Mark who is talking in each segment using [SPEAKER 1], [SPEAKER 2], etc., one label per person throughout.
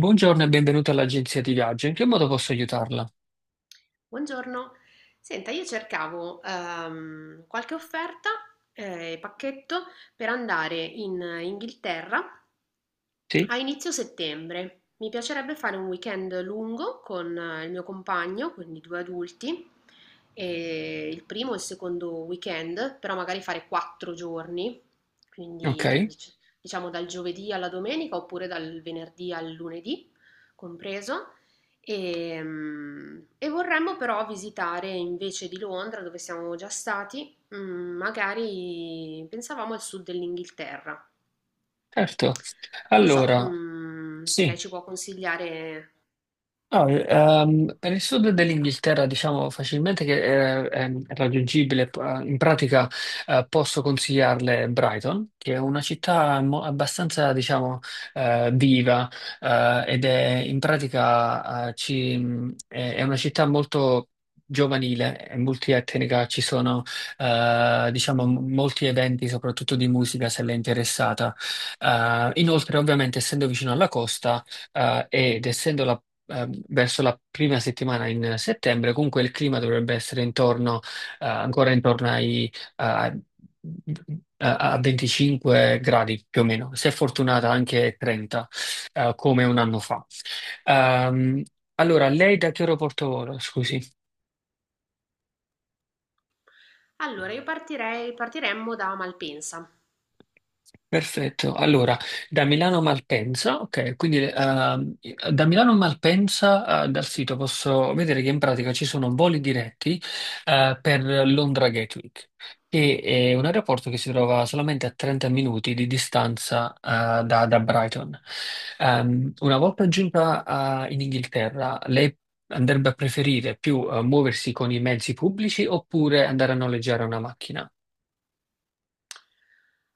[SPEAKER 1] Buongiorno e benvenuto all'agenzia di viaggio. In che modo posso aiutarla?
[SPEAKER 2] Buongiorno, senta, io cercavo qualche offerta, pacchetto per andare in Inghilterra
[SPEAKER 1] Sì?
[SPEAKER 2] a inizio settembre. Mi piacerebbe fare un weekend lungo con il mio compagno, quindi due adulti, e il primo e il secondo weekend, però magari fare quattro giorni,
[SPEAKER 1] Ok,
[SPEAKER 2] quindi diciamo dal giovedì alla domenica oppure dal venerdì al lunedì compreso. E vorremmo però visitare invece di Londra, dove siamo già stati, magari pensavamo al sud dell'Inghilterra.
[SPEAKER 1] certo.
[SPEAKER 2] Non so,
[SPEAKER 1] Allora,
[SPEAKER 2] se lei
[SPEAKER 1] sì.
[SPEAKER 2] ci può consigliare,
[SPEAKER 1] No, nel sud
[SPEAKER 2] mi dica.
[SPEAKER 1] dell'Inghilterra diciamo facilmente che è raggiungibile, in pratica posso consigliarle Brighton, che è una città abbastanza diciamo viva ed è in pratica è una città molto giovanile, è multietnica, ci sono diciamo molti eventi soprattutto di musica se l'è interessata. Inoltre ovviamente essendo vicino alla costa ed essendo la verso la prima settimana in settembre, comunque il clima dovrebbe essere intorno, ancora intorno ai, a a 25 gradi più o meno, se fortunata anche 30, come un anno fa. Ehm, allora, lei da che aeroporto vola, scusi?
[SPEAKER 2] Allora, io partiremmo da Malpensa.
[SPEAKER 1] Perfetto, allora da Milano a Malpensa, ok, quindi da Milano a Malpensa dal sito posso vedere che in pratica ci sono voli diretti per Londra Gatwick, che è un aeroporto che si trova solamente a 30 minuti di distanza da Brighton. Una volta giunta in Inghilterra, lei andrebbe a preferire più muoversi con i mezzi pubblici oppure andare a noleggiare una macchina?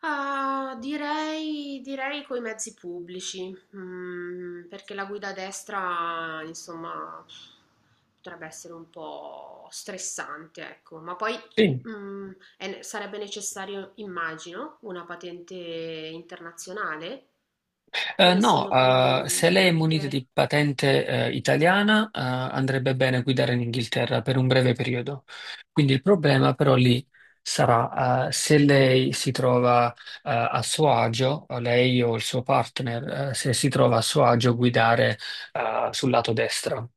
[SPEAKER 2] Ah, direi coi mezzi pubblici, perché la guida a destra, insomma, potrebbe essere un po' stressante, ecco, ma poi
[SPEAKER 1] Sì.
[SPEAKER 2] mm, sarebbe necessario, immagino, una patente internazionale, non
[SPEAKER 1] No,
[SPEAKER 2] essendo più
[SPEAKER 1] se
[SPEAKER 2] il
[SPEAKER 1] lei è munita
[SPEAKER 2] UK.
[SPEAKER 1] di patente, italiana, andrebbe bene guidare in Inghilterra per un breve periodo. Quindi il problema però lì sarà, se lei si trova, a suo agio, o lei o il suo partner, se si trova a suo agio a guidare, sul lato destro.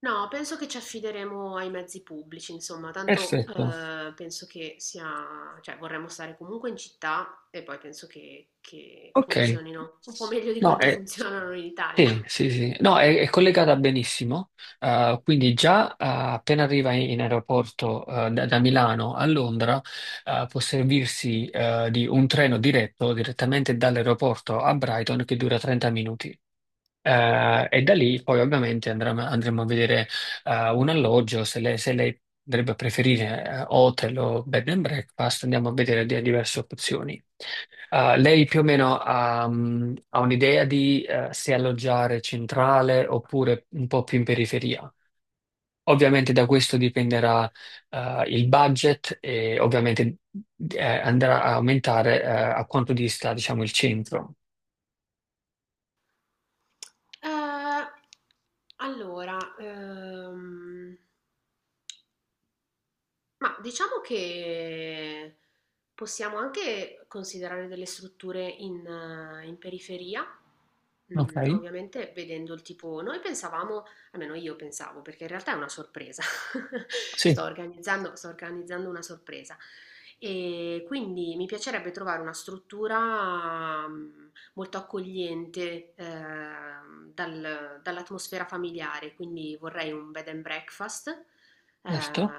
[SPEAKER 2] No, penso che ci affideremo ai mezzi pubblici, insomma, tanto
[SPEAKER 1] Perfetto.
[SPEAKER 2] penso che sia, cioè vorremmo stare comunque in città e poi penso che
[SPEAKER 1] Ok.
[SPEAKER 2] funzionino un po' meglio di
[SPEAKER 1] No,
[SPEAKER 2] quanto
[SPEAKER 1] è.
[SPEAKER 2] funzionano in Italia.
[SPEAKER 1] Sì, sì, sì. No, è collegata benissimo. Quindi già appena arriva in aeroporto da Milano a Londra, può servirsi di un treno diretto direttamente dall'aeroporto a Brighton che dura 30 minuti. E da lì poi ovviamente andremo a vedere un alloggio, se se lei dovrebbe preferire hotel o bed and breakfast, andiamo a vedere diverse opzioni. Lei più o meno ha un'idea di se alloggiare centrale oppure un po' più in periferia. Ovviamente da questo dipenderà il budget e ovviamente andrà a aumentare a quanto dista, diciamo, il centro.
[SPEAKER 2] Eh, allora, ehm, Ma diciamo che possiamo anche considerare delle strutture in, in periferia,
[SPEAKER 1] Ok?
[SPEAKER 2] ovviamente vedendo il tipo, noi pensavamo, almeno io pensavo, perché in realtà è una sorpresa,
[SPEAKER 1] Sì,
[SPEAKER 2] sto organizzando una sorpresa e quindi mi piacerebbe trovare una struttura molto accogliente dall'atmosfera familiare, quindi vorrei un bed and breakfast eh,
[SPEAKER 1] certo.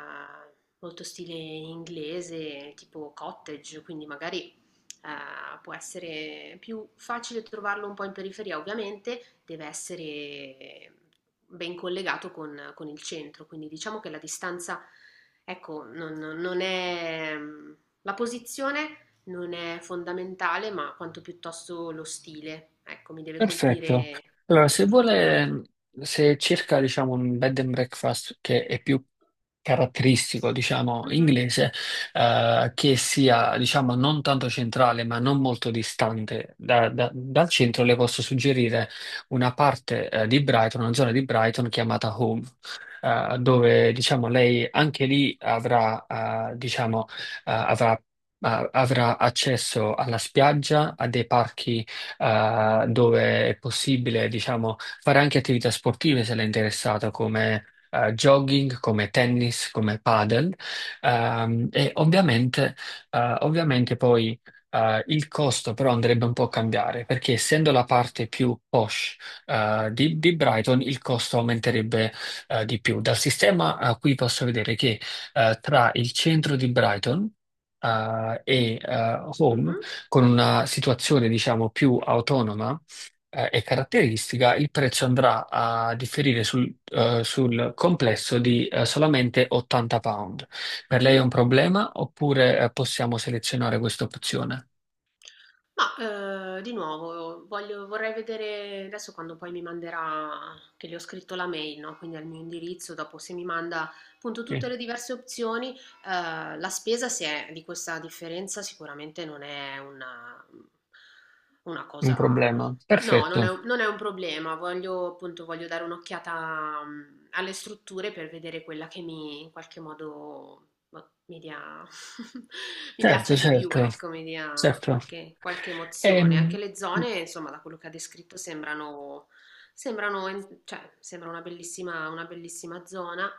[SPEAKER 2] molto stile inglese, tipo cottage, quindi magari può essere più facile trovarlo un po' in periferia, ovviamente deve essere ben collegato con il centro, quindi diciamo che la distanza, ecco, non è... La posizione non è fondamentale, ma quanto piuttosto lo stile, ecco, mi deve
[SPEAKER 1] Perfetto.
[SPEAKER 2] colpire
[SPEAKER 1] Allora,
[SPEAKER 2] la
[SPEAKER 1] se
[SPEAKER 2] struttura.
[SPEAKER 1] vuole, se cerca, diciamo, un bed and breakfast che è più caratteristico, diciamo,
[SPEAKER 2] Mhm,
[SPEAKER 1] inglese, che sia, diciamo, non tanto centrale, ma non molto distante dal centro, le posso suggerire una parte, di Brighton, una zona di Brighton chiamata Home. Dove diciamo lei anche lì diciamo, avrà accesso alla spiaggia, a dei parchi dove è possibile, diciamo, fare anche attività sportive se l'è interessato, come jogging, come tennis, come padel. E ovviamente, ovviamente poi il costo però andrebbe un po' a cambiare, perché essendo la parte più posh di Brighton, il costo aumenterebbe di più. Dal sistema qui posso vedere che tra il centro di Brighton e Home
[SPEAKER 2] mhm.
[SPEAKER 1] con una situazione, diciamo, più autonoma, e caratteristica, il prezzo andrà a differire sul complesso di, solamente 80 pound. Per lei è un problema oppure, possiamo selezionare questa opzione?
[SPEAKER 2] Ma, di nuovo voglio vorrei vedere adesso quando poi mi manderà che le ho scritto la mail, no, quindi al mio indirizzo, dopo se mi manda appunto tutte
[SPEAKER 1] Sì,
[SPEAKER 2] le diverse opzioni, la spesa se è di questa differenza sicuramente non è una
[SPEAKER 1] un
[SPEAKER 2] cosa.
[SPEAKER 1] problema.
[SPEAKER 2] No, non è,
[SPEAKER 1] Perfetto.
[SPEAKER 2] un non è un problema, voglio appunto voglio dare un'occhiata, alle strutture per vedere quella che mi in qualche modo boh, mi dia, mi piaccia
[SPEAKER 1] Certo,
[SPEAKER 2] di più,
[SPEAKER 1] certo,
[SPEAKER 2] ecco, mi dia
[SPEAKER 1] certo.
[SPEAKER 2] qualche emozione.
[SPEAKER 1] Ehm,
[SPEAKER 2] Anche le zone, insomma, da quello che ha descritto sembrano, cioè, sembra una bellissima zona.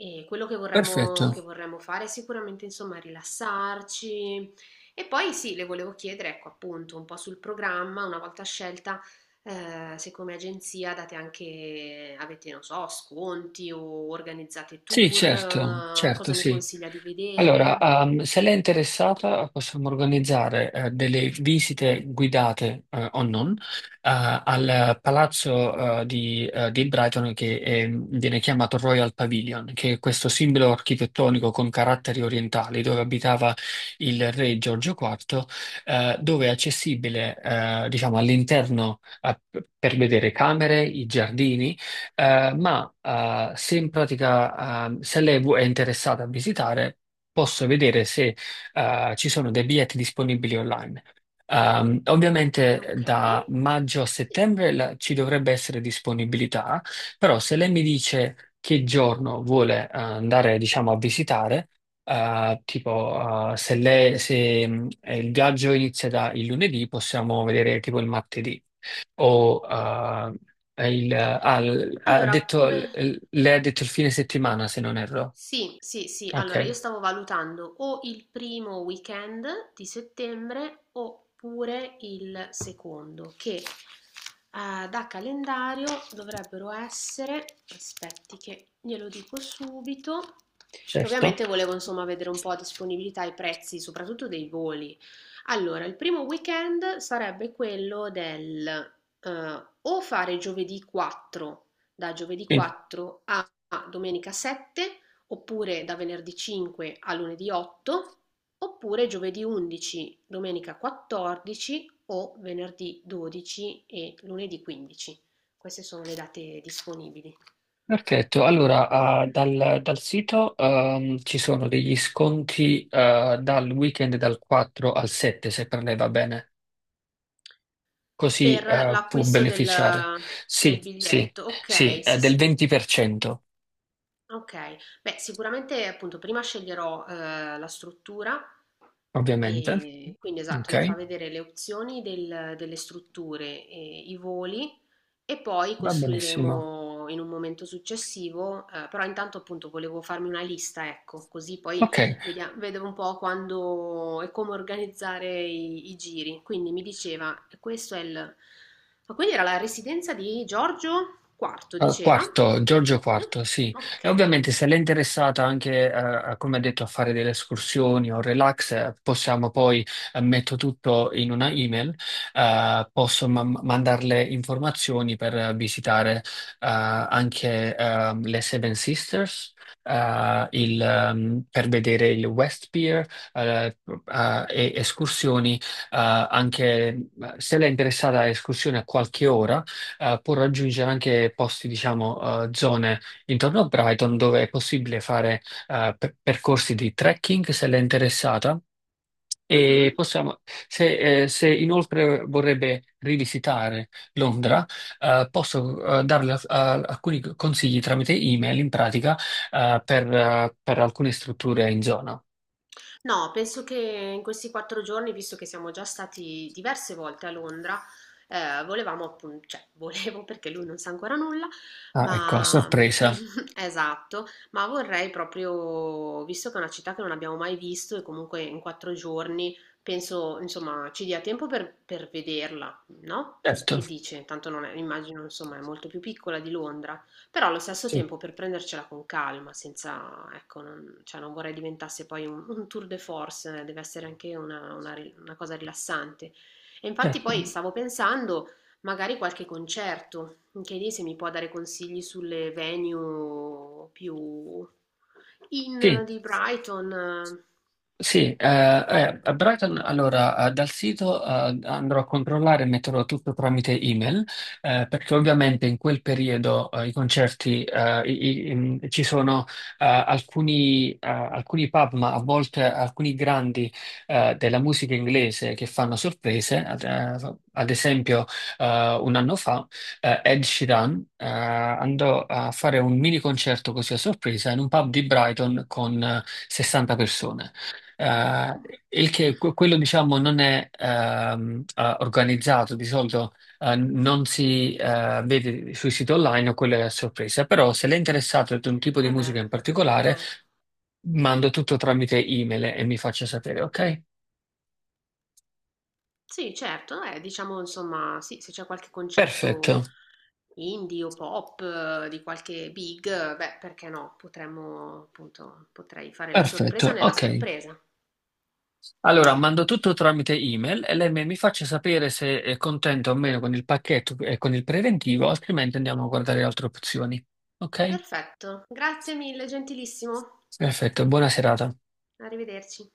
[SPEAKER 2] E quello che che
[SPEAKER 1] perfetto.
[SPEAKER 2] vorremmo fare è sicuramente, insomma, rilassarci, e poi sì, le volevo chiedere, ecco appunto, un po' sul programma, una volta scelta, se come agenzia date anche, avete, non so, sconti o organizzate
[SPEAKER 1] Sì,
[SPEAKER 2] tour,
[SPEAKER 1] certo, certo,
[SPEAKER 2] cosa mi
[SPEAKER 1] sì.
[SPEAKER 2] consiglia di
[SPEAKER 1] Allora,
[SPEAKER 2] vedere?
[SPEAKER 1] se lei è interessata, possiamo organizzare delle visite guidate o non al palazzo di Brighton che viene chiamato Royal Pavilion, che è questo simbolo architettonico con caratteri orientali dove abitava il re Giorgio IV, dove è accessibile diciamo, all'interno per vedere camere, i giardini. Ma se in pratica se lei è interessata a visitare, posso vedere se ci sono dei biglietti disponibili online. Ovviamente
[SPEAKER 2] Ok.
[SPEAKER 1] da maggio a
[SPEAKER 2] Sì.
[SPEAKER 1] settembre ci dovrebbe essere disponibilità, però se lei mi dice che giorno vuole andare, diciamo, a visitare, tipo se, lei- se, il viaggio inizia da il lunedì, possiamo vedere tipo il martedì o il, ah, l- ha
[SPEAKER 2] Allora,
[SPEAKER 1] detto, l-
[SPEAKER 2] come...
[SPEAKER 1] lei ha detto il fine settimana, se non erro.
[SPEAKER 2] Sì, sì, sì. Allora, io
[SPEAKER 1] Ok,
[SPEAKER 2] stavo valutando o il primo weekend di settembre oppure il secondo, che da calendario dovrebbero essere, aspetti che glielo dico subito, che
[SPEAKER 1] certo.
[SPEAKER 2] ovviamente volevo insomma vedere un po' a disponibilità e i prezzi, soprattutto dei voli. Allora, il primo weekend sarebbe quello del o fare giovedì 4, da giovedì
[SPEAKER 1] Sì,
[SPEAKER 2] 4 a domenica 7 oppure da venerdì 5 a lunedì 8, oppure giovedì 11, domenica 14 o venerdì 12 e lunedì 15. Queste sono le date disponibili
[SPEAKER 1] perfetto.
[SPEAKER 2] Di-
[SPEAKER 1] Allora, dal sito ci sono degli sconti dal weekend dal 4 al 7, se per lei va bene. Così
[SPEAKER 2] per
[SPEAKER 1] può
[SPEAKER 2] l'acquisto del,
[SPEAKER 1] beneficiare. Sì,
[SPEAKER 2] del
[SPEAKER 1] sì,
[SPEAKER 2] biglietto.
[SPEAKER 1] sì,
[SPEAKER 2] Ok, sì,
[SPEAKER 1] del
[SPEAKER 2] sì.
[SPEAKER 1] 20%,
[SPEAKER 2] Okay. Beh, sicuramente appunto prima sceglierò, la struttura,
[SPEAKER 1] ovviamente.
[SPEAKER 2] quindi esatto,
[SPEAKER 1] Ok,
[SPEAKER 2] mi fa vedere le opzioni del delle strutture e i voli e poi
[SPEAKER 1] va benissimo.
[SPEAKER 2] costruiremo in un momento successivo, però intanto appunto volevo farmi una lista, ecco, così poi
[SPEAKER 1] Ok.
[SPEAKER 2] Vedevo un po' quando e come organizzare i giri. Quindi mi diceva, questo è il... Ma quindi era la residenza di Giorgio IV,
[SPEAKER 1] Eh,
[SPEAKER 2] diceva?
[SPEAKER 1] Quarto, Giorgio Quarto,
[SPEAKER 2] Ok.
[SPEAKER 1] sì. E
[SPEAKER 2] Ok.
[SPEAKER 1] ovviamente se l'è interessata anche, come ha detto, a fare delle escursioni o relax, possiamo poi, metto tutto in una email, posso mandarle informazioni per visitare, anche, le Seven Sisters, per vedere il West Pier, eh, e escursioni, anche se l'è interessata a escursioni a qualche ora può raggiungere anche posti, diciamo, zone intorno a Brighton dove è possibile fare percorsi di trekking se l'è interessata. E
[SPEAKER 2] Mhm.
[SPEAKER 1] possiamo, se, se inoltre vorrebbe rivisitare Londra, posso darle alcuni consigli tramite email in pratica per alcune strutture in zona.
[SPEAKER 2] No, penso che in questi quattro giorni, visto che siamo già stati diverse volte a Londra, volevamo appunto, cioè volevo perché lui non sa ancora nulla,
[SPEAKER 1] Ah, ecco, a
[SPEAKER 2] ma
[SPEAKER 1] sorpresa.
[SPEAKER 2] esatto, ma vorrei proprio, visto che è una città che non abbiamo mai visto e comunque in quattro giorni penso, insomma, ci dia tempo per vederla, no?
[SPEAKER 1] Certo,
[SPEAKER 2] Che dice? Tanto non è, immagino, insomma, è molto più piccola di Londra. Però allo stesso
[SPEAKER 1] sì,
[SPEAKER 2] tempo per prendercela con calma, senza, ecco, non, cioè non vorrei diventasse poi un tour de force, deve essere anche una, una cosa rilassante. E infatti
[SPEAKER 1] certo.
[SPEAKER 2] poi stavo pensando magari qualche concerto, anche lì se mi può dare consigli sulle venue più in
[SPEAKER 1] Sì.
[SPEAKER 2] di Brighton.
[SPEAKER 1] Sì, a Brighton, allora dal sito andrò a controllare e metterò tutto tramite email, perché ovviamente in quel periodo i concerti ci sono alcuni pub, ma a volte alcuni grandi della musica inglese che fanno sorprese. Ad esempio, un anno fa Ed Sheeran andò a fare un mini concerto così a sorpresa in un pub di Brighton con 60 persone. Eh, il che quello diciamo non è organizzato, di solito non si vede sui siti online, o quello è a sorpresa, però se lei è interessato ad un tipo di
[SPEAKER 2] Eh
[SPEAKER 1] musica
[SPEAKER 2] beh,
[SPEAKER 1] in particolare,
[SPEAKER 2] immagino.
[SPEAKER 1] mando tutto tramite email e mi faccia sapere, ok?
[SPEAKER 2] Sì, certo, diciamo insomma, sì, se c'è qualche
[SPEAKER 1] Perfetto,
[SPEAKER 2] concerto indie o pop di qualche big, beh, perché no? Potremmo, appunto, potrei fare la sorpresa
[SPEAKER 1] perfetto,
[SPEAKER 2] nella
[SPEAKER 1] ok.
[SPEAKER 2] sorpresa.
[SPEAKER 1] Allora mando tutto tramite email e lei mi faccia sapere se è contento o meno con il pacchetto e con il preventivo, altrimenti andiamo a guardare altre opzioni, ok?
[SPEAKER 2] Perfetto, grazie mille, gentilissimo.
[SPEAKER 1] Perfetto, buona serata.
[SPEAKER 2] Arrivederci.